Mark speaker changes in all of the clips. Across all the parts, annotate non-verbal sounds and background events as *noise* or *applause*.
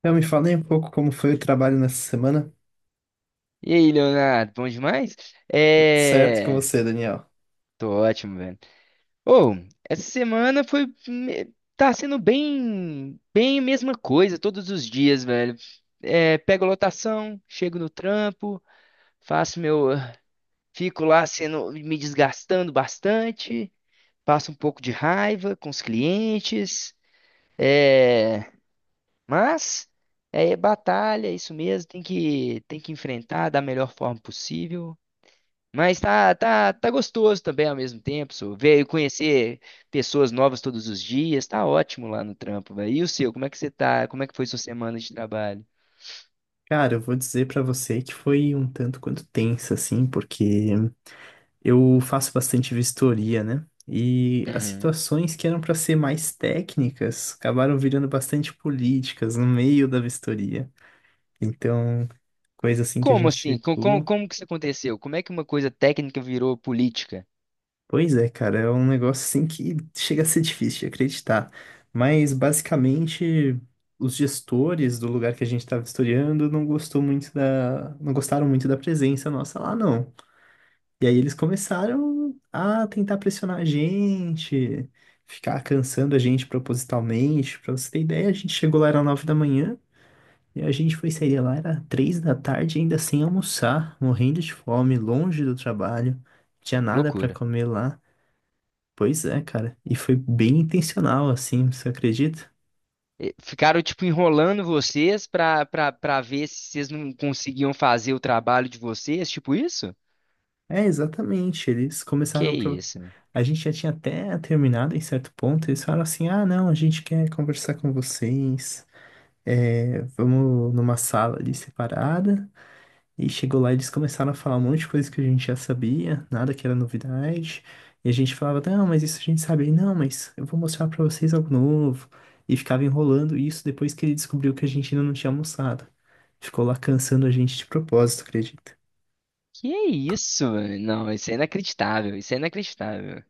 Speaker 1: Então, me fala aí um pouco como foi o trabalho nessa semana.
Speaker 2: E aí, Leonardo, bom demais?
Speaker 1: Tudo certo e com
Speaker 2: É.
Speaker 1: você, Daniel?
Speaker 2: Tô ótimo, velho. Ô, essa semana foi. Tá sendo bem. Bem a mesma coisa todos os dias, velho. É, pego lotação, chego no trampo, faço meu. Fico lá sendo. Me desgastando bastante, passo um pouco de raiva com os clientes. É. Mas. É batalha, é isso mesmo. Tem que enfrentar da melhor forma possível. Mas tá gostoso também ao mesmo tempo, so. Ver, conhecer pessoas novas todos os dias, tá ótimo lá no trampo, velho. E o seu, como é que você tá? Como é que foi sua semana de trabalho?
Speaker 1: Cara, eu vou dizer pra você que foi um tanto quanto tensa, assim, porque eu faço bastante vistoria, né? E as
Speaker 2: Uhum.
Speaker 1: situações que eram pra ser mais técnicas acabaram virando bastante políticas no meio da vistoria. Então, coisa assim que a
Speaker 2: Como
Speaker 1: gente
Speaker 2: assim? Com- com-
Speaker 1: chegou.
Speaker 2: como que isso aconteceu? Como é que uma coisa técnica virou política?
Speaker 1: Pois é, cara, é um negócio assim que chega a ser difícil de acreditar. Mas basicamente os gestores do lugar que a gente estava vistoriando não gostaram muito da presença nossa lá, não. E aí eles começaram a tentar pressionar a gente, ficar cansando a gente propositalmente. Pra você ter ideia, a gente chegou lá era 9 da manhã e a gente foi sair lá era 3 da tarde ainda sem almoçar, morrendo de fome, longe do trabalho, tinha nada para
Speaker 2: Loucura.
Speaker 1: comer lá. Pois é, cara. E foi bem intencional, assim, você acredita?
Speaker 2: Ficaram, tipo, enrolando vocês pra ver se vocês não conseguiam fazer o trabalho de vocês, tipo isso?
Speaker 1: É, exatamente. Eles
Speaker 2: Que
Speaker 1: começaram pro...
Speaker 2: isso?
Speaker 1: A gente já tinha até terminado em certo ponto. Eles falaram assim: ah, não, a gente quer conversar com vocês. É, vamos numa sala ali separada. E chegou lá, eles começaram a falar um monte de coisa que a gente já sabia, nada que era novidade. E a gente falava: não, mas isso a gente sabe. E, não, mas eu vou mostrar pra vocês algo novo. E ficava enrolando isso depois que ele descobriu que a gente ainda não tinha almoçado. Ficou lá cansando a gente de propósito, acredita?
Speaker 2: Que isso? Não, isso é inacreditável, isso é inacreditável.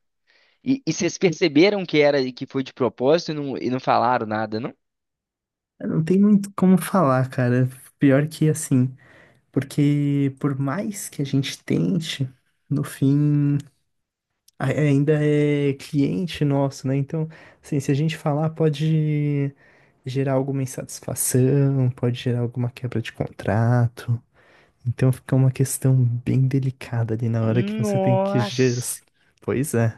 Speaker 2: E vocês perceberam que era que foi de propósito e não falaram nada, não?
Speaker 1: Eu Não tem muito como falar, cara. Pior que assim, porque por mais que a gente tente, no fim, ainda é cliente nosso, né? Então, assim, se a gente falar, pode gerar alguma insatisfação, pode gerar alguma quebra de contrato. Então, fica uma questão bem delicada ali na hora que você tem que gerir.
Speaker 2: Nossa.
Speaker 1: Pois é,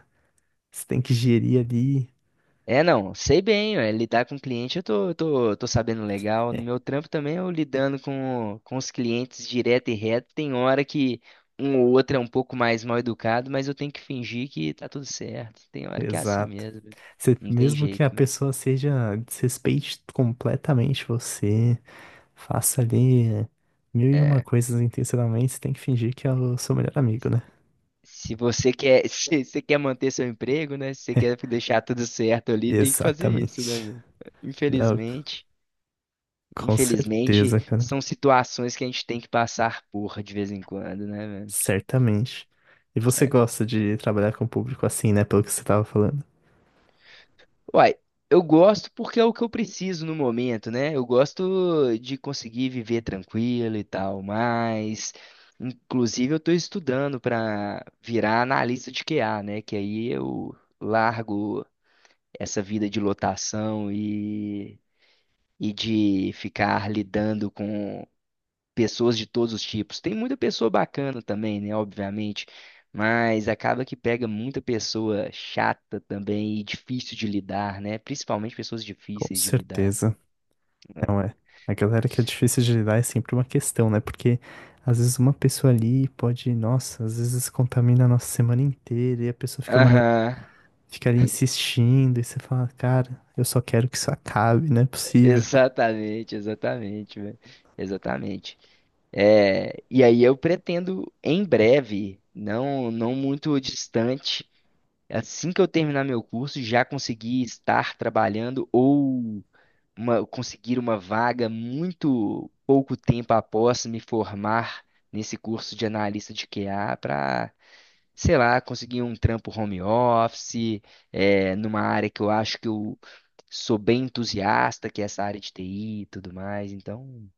Speaker 1: você tem que gerir ali.
Speaker 2: É, não, sei bem, ué, lidar com cliente eu tô sabendo legal. No meu
Speaker 1: *laughs*
Speaker 2: trampo também eu lidando com os clientes direto e reto. Tem hora que um ou outro é um pouco mais mal educado, mas eu tenho que fingir que tá tudo certo. Tem hora que é assim
Speaker 1: Exato.
Speaker 2: mesmo.
Speaker 1: Você-
Speaker 2: Não tem
Speaker 1: mesmo que a
Speaker 2: jeito, né?
Speaker 1: pessoa seja, desrespeite completamente você, faça ali mil e uma
Speaker 2: É.
Speaker 1: coisas intencionalmente, você tem que fingir que é o seu melhor amigo, né?
Speaker 2: Se você quer, *laughs* Se você quer manter seu emprego, né? Se você quer
Speaker 1: *laughs*
Speaker 2: deixar tudo certo ali, tem que fazer isso, né?
Speaker 1: Exatamente.
Speaker 2: Meu?
Speaker 1: Não,
Speaker 2: Infelizmente,
Speaker 1: com
Speaker 2: infelizmente,
Speaker 1: certeza, cara.
Speaker 2: são situações que a gente tem que passar por de vez em quando, né, velho?
Speaker 1: Certamente. E você
Speaker 2: É.
Speaker 1: gosta de trabalhar com o público assim, né? Pelo que você tava falando.
Speaker 2: Uai, eu gosto porque é o que eu preciso no momento, né? Eu gosto de conseguir viver tranquilo e tal, mas inclusive eu tô estudando para virar analista de QA, né? Que aí eu largo essa vida de lotação e de ficar lidando com pessoas de todos os tipos. Tem muita pessoa bacana também, né? Obviamente, mas acaba que pega muita pessoa chata também e difícil de lidar, né? Principalmente pessoas
Speaker 1: Com
Speaker 2: difíceis de lidar.
Speaker 1: certeza. Não é. A galera que é difícil de lidar é sempre uma questão, né? Porque às vezes uma pessoa ali pode, nossa, às vezes contamina a nossa semana inteira e a pessoa fica mandando.
Speaker 2: Aham,
Speaker 1: Fica ali insistindo e você fala, cara, eu só quero que isso acabe, não é
Speaker 2: *laughs*
Speaker 1: possível.
Speaker 2: exatamente, exatamente, velho. Exatamente. É, e aí eu pretendo em breve, não muito distante, assim que eu terminar meu curso, já conseguir estar trabalhando ou conseguir uma vaga muito pouco tempo após me formar nesse curso de analista de QA para, sei lá, conseguir um trampo home office, é, numa área que eu acho que eu sou bem entusiasta, que é essa área de TI e tudo mais. Então,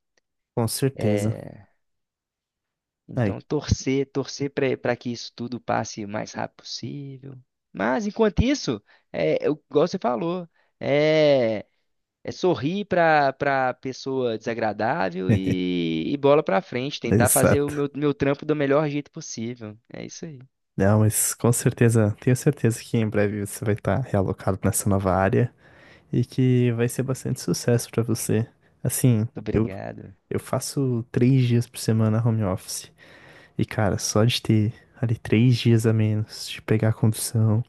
Speaker 1: Com certeza.
Speaker 2: eh,
Speaker 1: Aí.
Speaker 2: então, torcer, torcer para que isso tudo passe o mais rápido possível. Mas, enquanto isso, é, igual você falou, é, é sorrir para pessoa desagradável
Speaker 1: *laughs*
Speaker 2: e bola para frente, tentar fazer o
Speaker 1: Exato.
Speaker 2: meu trampo do melhor jeito possível. É isso aí.
Speaker 1: Não, mas com certeza, tenho certeza que em breve você vai estar realocado nessa nova área e que vai ser bastante sucesso pra você. Assim,
Speaker 2: Obrigado.
Speaker 1: eu faço 3 dias por semana home office. E, cara, só de ter ali 3 dias a menos, de pegar a condução,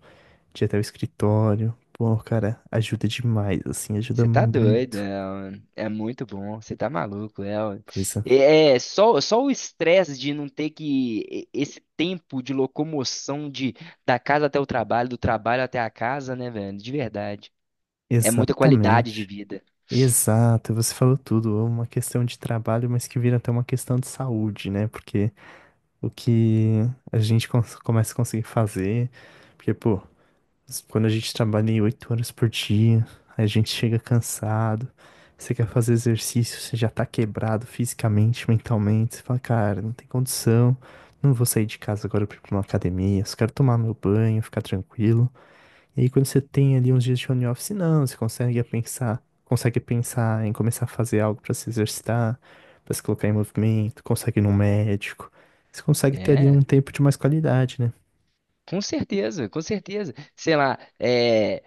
Speaker 1: de ir até o escritório, pô, cara, ajuda demais, assim, ajuda
Speaker 2: Você tá doido,
Speaker 1: muito.
Speaker 2: é, é muito bom, você tá maluco, Léo.
Speaker 1: Pois é.
Speaker 2: É, é só o estresse de não ter que, esse tempo de locomoção de, da casa até o trabalho, do trabalho até a casa, né, velho, de verdade, é muita qualidade de
Speaker 1: Exatamente.
Speaker 2: vida,
Speaker 1: Exato, você falou tudo. É uma questão de trabalho, mas que vira até uma questão de saúde, né? Porque o que a gente começa a conseguir fazer, porque, pô, quando a gente trabalha em 8 horas por dia, a gente chega cansado, você quer fazer exercício, você já tá quebrado fisicamente, mentalmente, você fala, cara, não tem condição, não vou sair de casa agora pra ir pra uma academia, só quero tomar meu banho, ficar tranquilo. E aí, quando você tem ali uns dias de home office, não, você consegue pensar em começar a fazer algo para se exercitar, para se colocar em movimento, consegue ir num médico. Você consegue ter ali um
Speaker 2: é,
Speaker 1: tempo de mais qualidade, né?
Speaker 2: com certeza, sei lá, é,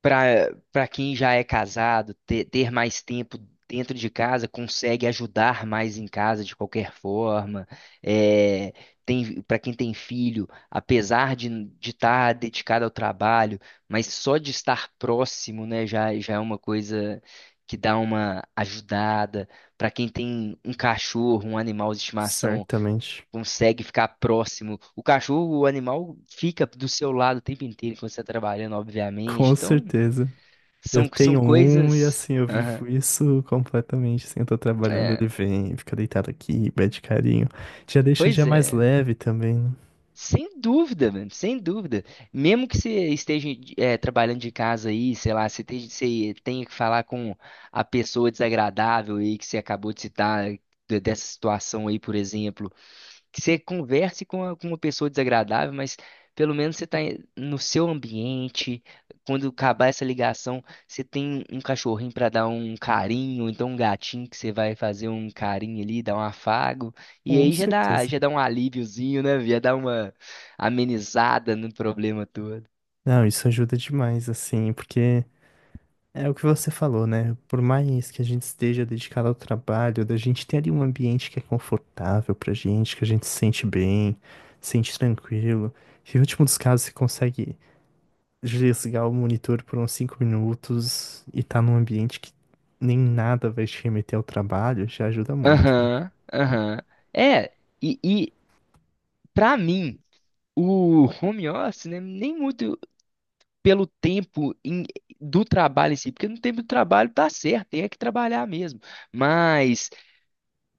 Speaker 2: para quem já é casado, ter mais tempo dentro de casa consegue ajudar mais em casa de qualquer forma. É, tem, para quem tem filho, apesar de estar dedicado ao trabalho, mas só de estar próximo, né, já é uma coisa que dá uma ajudada. Para quem tem um cachorro, um animal de estimação,
Speaker 1: Certamente.
Speaker 2: consegue ficar próximo. O cachorro, o animal, fica do seu lado o tempo inteiro quando você está trabalhando,
Speaker 1: Com
Speaker 2: obviamente. Então,
Speaker 1: certeza. Eu
Speaker 2: são
Speaker 1: tenho um e
Speaker 2: coisas.
Speaker 1: assim, eu
Speaker 2: Aham.
Speaker 1: vivo isso completamente. Assim, eu tô trabalhando,
Speaker 2: É,
Speaker 1: ele vem, fica deitado aqui, pede carinho. Já deixa o
Speaker 2: pois
Speaker 1: dia mais
Speaker 2: é.
Speaker 1: leve também, né?
Speaker 2: Sem dúvida, mano, sem dúvida. Mesmo que você esteja é, trabalhando de casa aí, sei lá, você tenha que falar com a pessoa desagradável aí que você acabou de citar, dessa situação aí, por exemplo. Que você converse com, com uma pessoa desagradável, mas pelo menos você está no seu ambiente. Quando acabar essa ligação, você tem um cachorrinho para dar um carinho, ou então um gatinho que você vai fazer um carinho ali, dar um afago. E
Speaker 1: Com
Speaker 2: aí
Speaker 1: certeza.
Speaker 2: já dá um alíviozinho, né? Já dá uma amenizada no problema todo.
Speaker 1: Não, isso ajuda demais, assim, porque é o que você falou, né? Por mais que a gente esteja dedicado ao trabalho, da gente ter ali um ambiente que é confortável pra gente, que a gente se sente bem, se sente tranquilo. E no último dos casos, você consegue desligar o monitor por uns 5 minutos e tá num ambiente que nem nada vai te remeter ao trabalho, já ajuda muito, né?
Speaker 2: Aham, aham. É, e para mim, o home office, né, nem muito. Pelo tempo do trabalho em si, porque no tempo do trabalho tá certo, tem é que trabalhar mesmo. Mas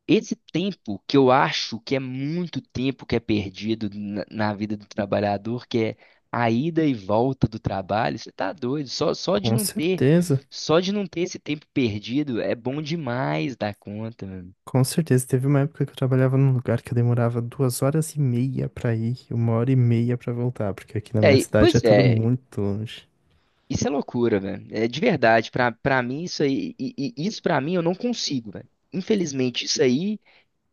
Speaker 2: esse tempo que eu acho que é muito tempo que é perdido na vida do trabalhador, que é a ida e volta do trabalho, você tá doido, só de
Speaker 1: Com
Speaker 2: não ter,
Speaker 1: certeza,
Speaker 2: só de não ter esse tempo perdido é bom demais da conta, mano.
Speaker 1: com certeza. Teve uma época que eu trabalhava num lugar que eu demorava 2 horas e meia pra ir e 1 hora e meia pra voltar, porque aqui na
Speaker 2: É,
Speaker 1: minha cidade
Speaker 2: pois
Speaker 1: é tudo
Speaker 2: é,
Speaker 1: muito longe.
Speaker 2: isso é loucura, velho. É de verdade, pra mim isso aí, isso pra mim eu não consigo, velho. Infelizmente, isso aí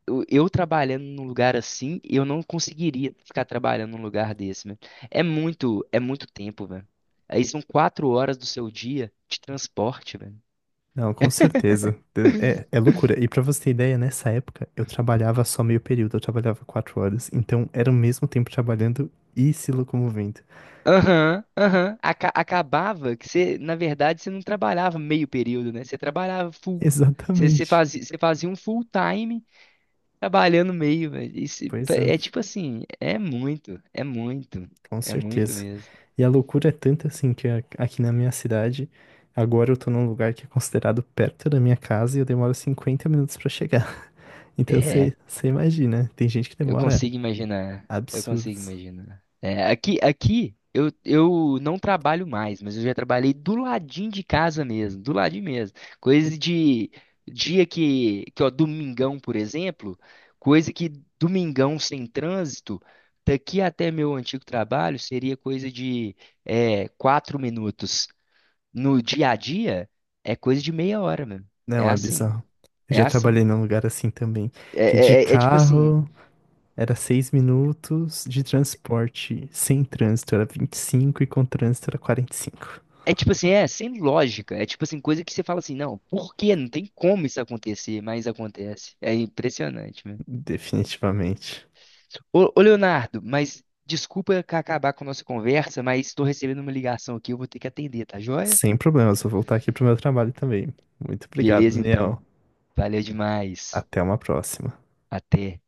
Speaker 2: eu trabalhando num lugar assim, eu não conseguiria ficar trabalhando num lugar desse, velho. É é muito tempo, velho. Aí são 4 horas do seu dia de transporte, velho.
Speaker 1: Não, com certeza. É, é loucura. E pra você ter ideia, nessa época eu trabalhava só meio período, eu trabalhava 4 horas. Então era o mesmo tempo trabalhando e se locomovendo.
Speaker 2: Aham, aham. Acabava que você, na verdade, você não trabalhava meio período, né? Você trabalhava
Speaker 1: *laughs*
Speaker 2: full. Você
Speaker 1: Exatamente.
Speaker 2: fazia, um full time trabalhando meio, velho. Isso
Speaker 1: Pois é,
Speaker 2: é tipo assim, é
Speaker 1: com
Speaker 2: é muito
Speaker 1: certeza.
Speaker 2: mesmo.
Speaker 1: E a loucura é tanta assim que aqui na minha cidade, agora eu tô num lugar que é considerado perto da minha casa e eu demoro 50 minutos pra chegar. *laughs* Então
Speaker 2: É.
Speaker 1: você imagina, tem gente que
Speaker 2: Eu
Speaker 1: demora
Speaker 2: consigo imaginar. Eu consigo
Speaker 1: absurdos.
Speaker 2: imaginar. É, aqui, eu não trabalho mais, mas eu já trabalhei do ladinho de casa mesmo, do ladinho mesmo. Coisa de dia que ó, domingão, por exemplo, coisa que domingão sem trânsito, daqui até meu antigo trabalho seria coisa de é, 4 minutos. No dia a dia é coisa de meia hora mesmo. É
Speaker 1: Não, é
Speaker 2: assim,
Speaker 1: bizarro. Eu
Speaker 2: é
Speaker 1: já
Speaker 2: assim.
Speaker 1: trabalhei num lugar assim também,
Speaker 2: é
Speaker 1: que de
Speaker 2: é tipo assim.
Speaker 1: carro. Era 6 minutos de transporte. Sem trânsito era 25 e com trânsito era 45.
Speaker 2: É tipo assim, é sem lógica. É tipo assim, coisa que você fala assim, não, por quê? Não tem como isso acontecer, mas acontece. É impressionante, mesmo.
Speaker 1: Definitivamente.
Speaker 2: Ô, ô, Leonardo, mas desculpa acabar com a nossa conversa, mas estou recebendo uma ligação aqui, eu vou ter que atender, tá joia?
Speaker 1: Sem problemas, vou voltar aqui pro meu trabalho também. Muito obrigado,
Speaker 2: Beleza,
Speaker 1: Daniel.
Speaker 2: então. Valeu demais.
Speaker 1: Até uma próxima.
Speaker 2: Até.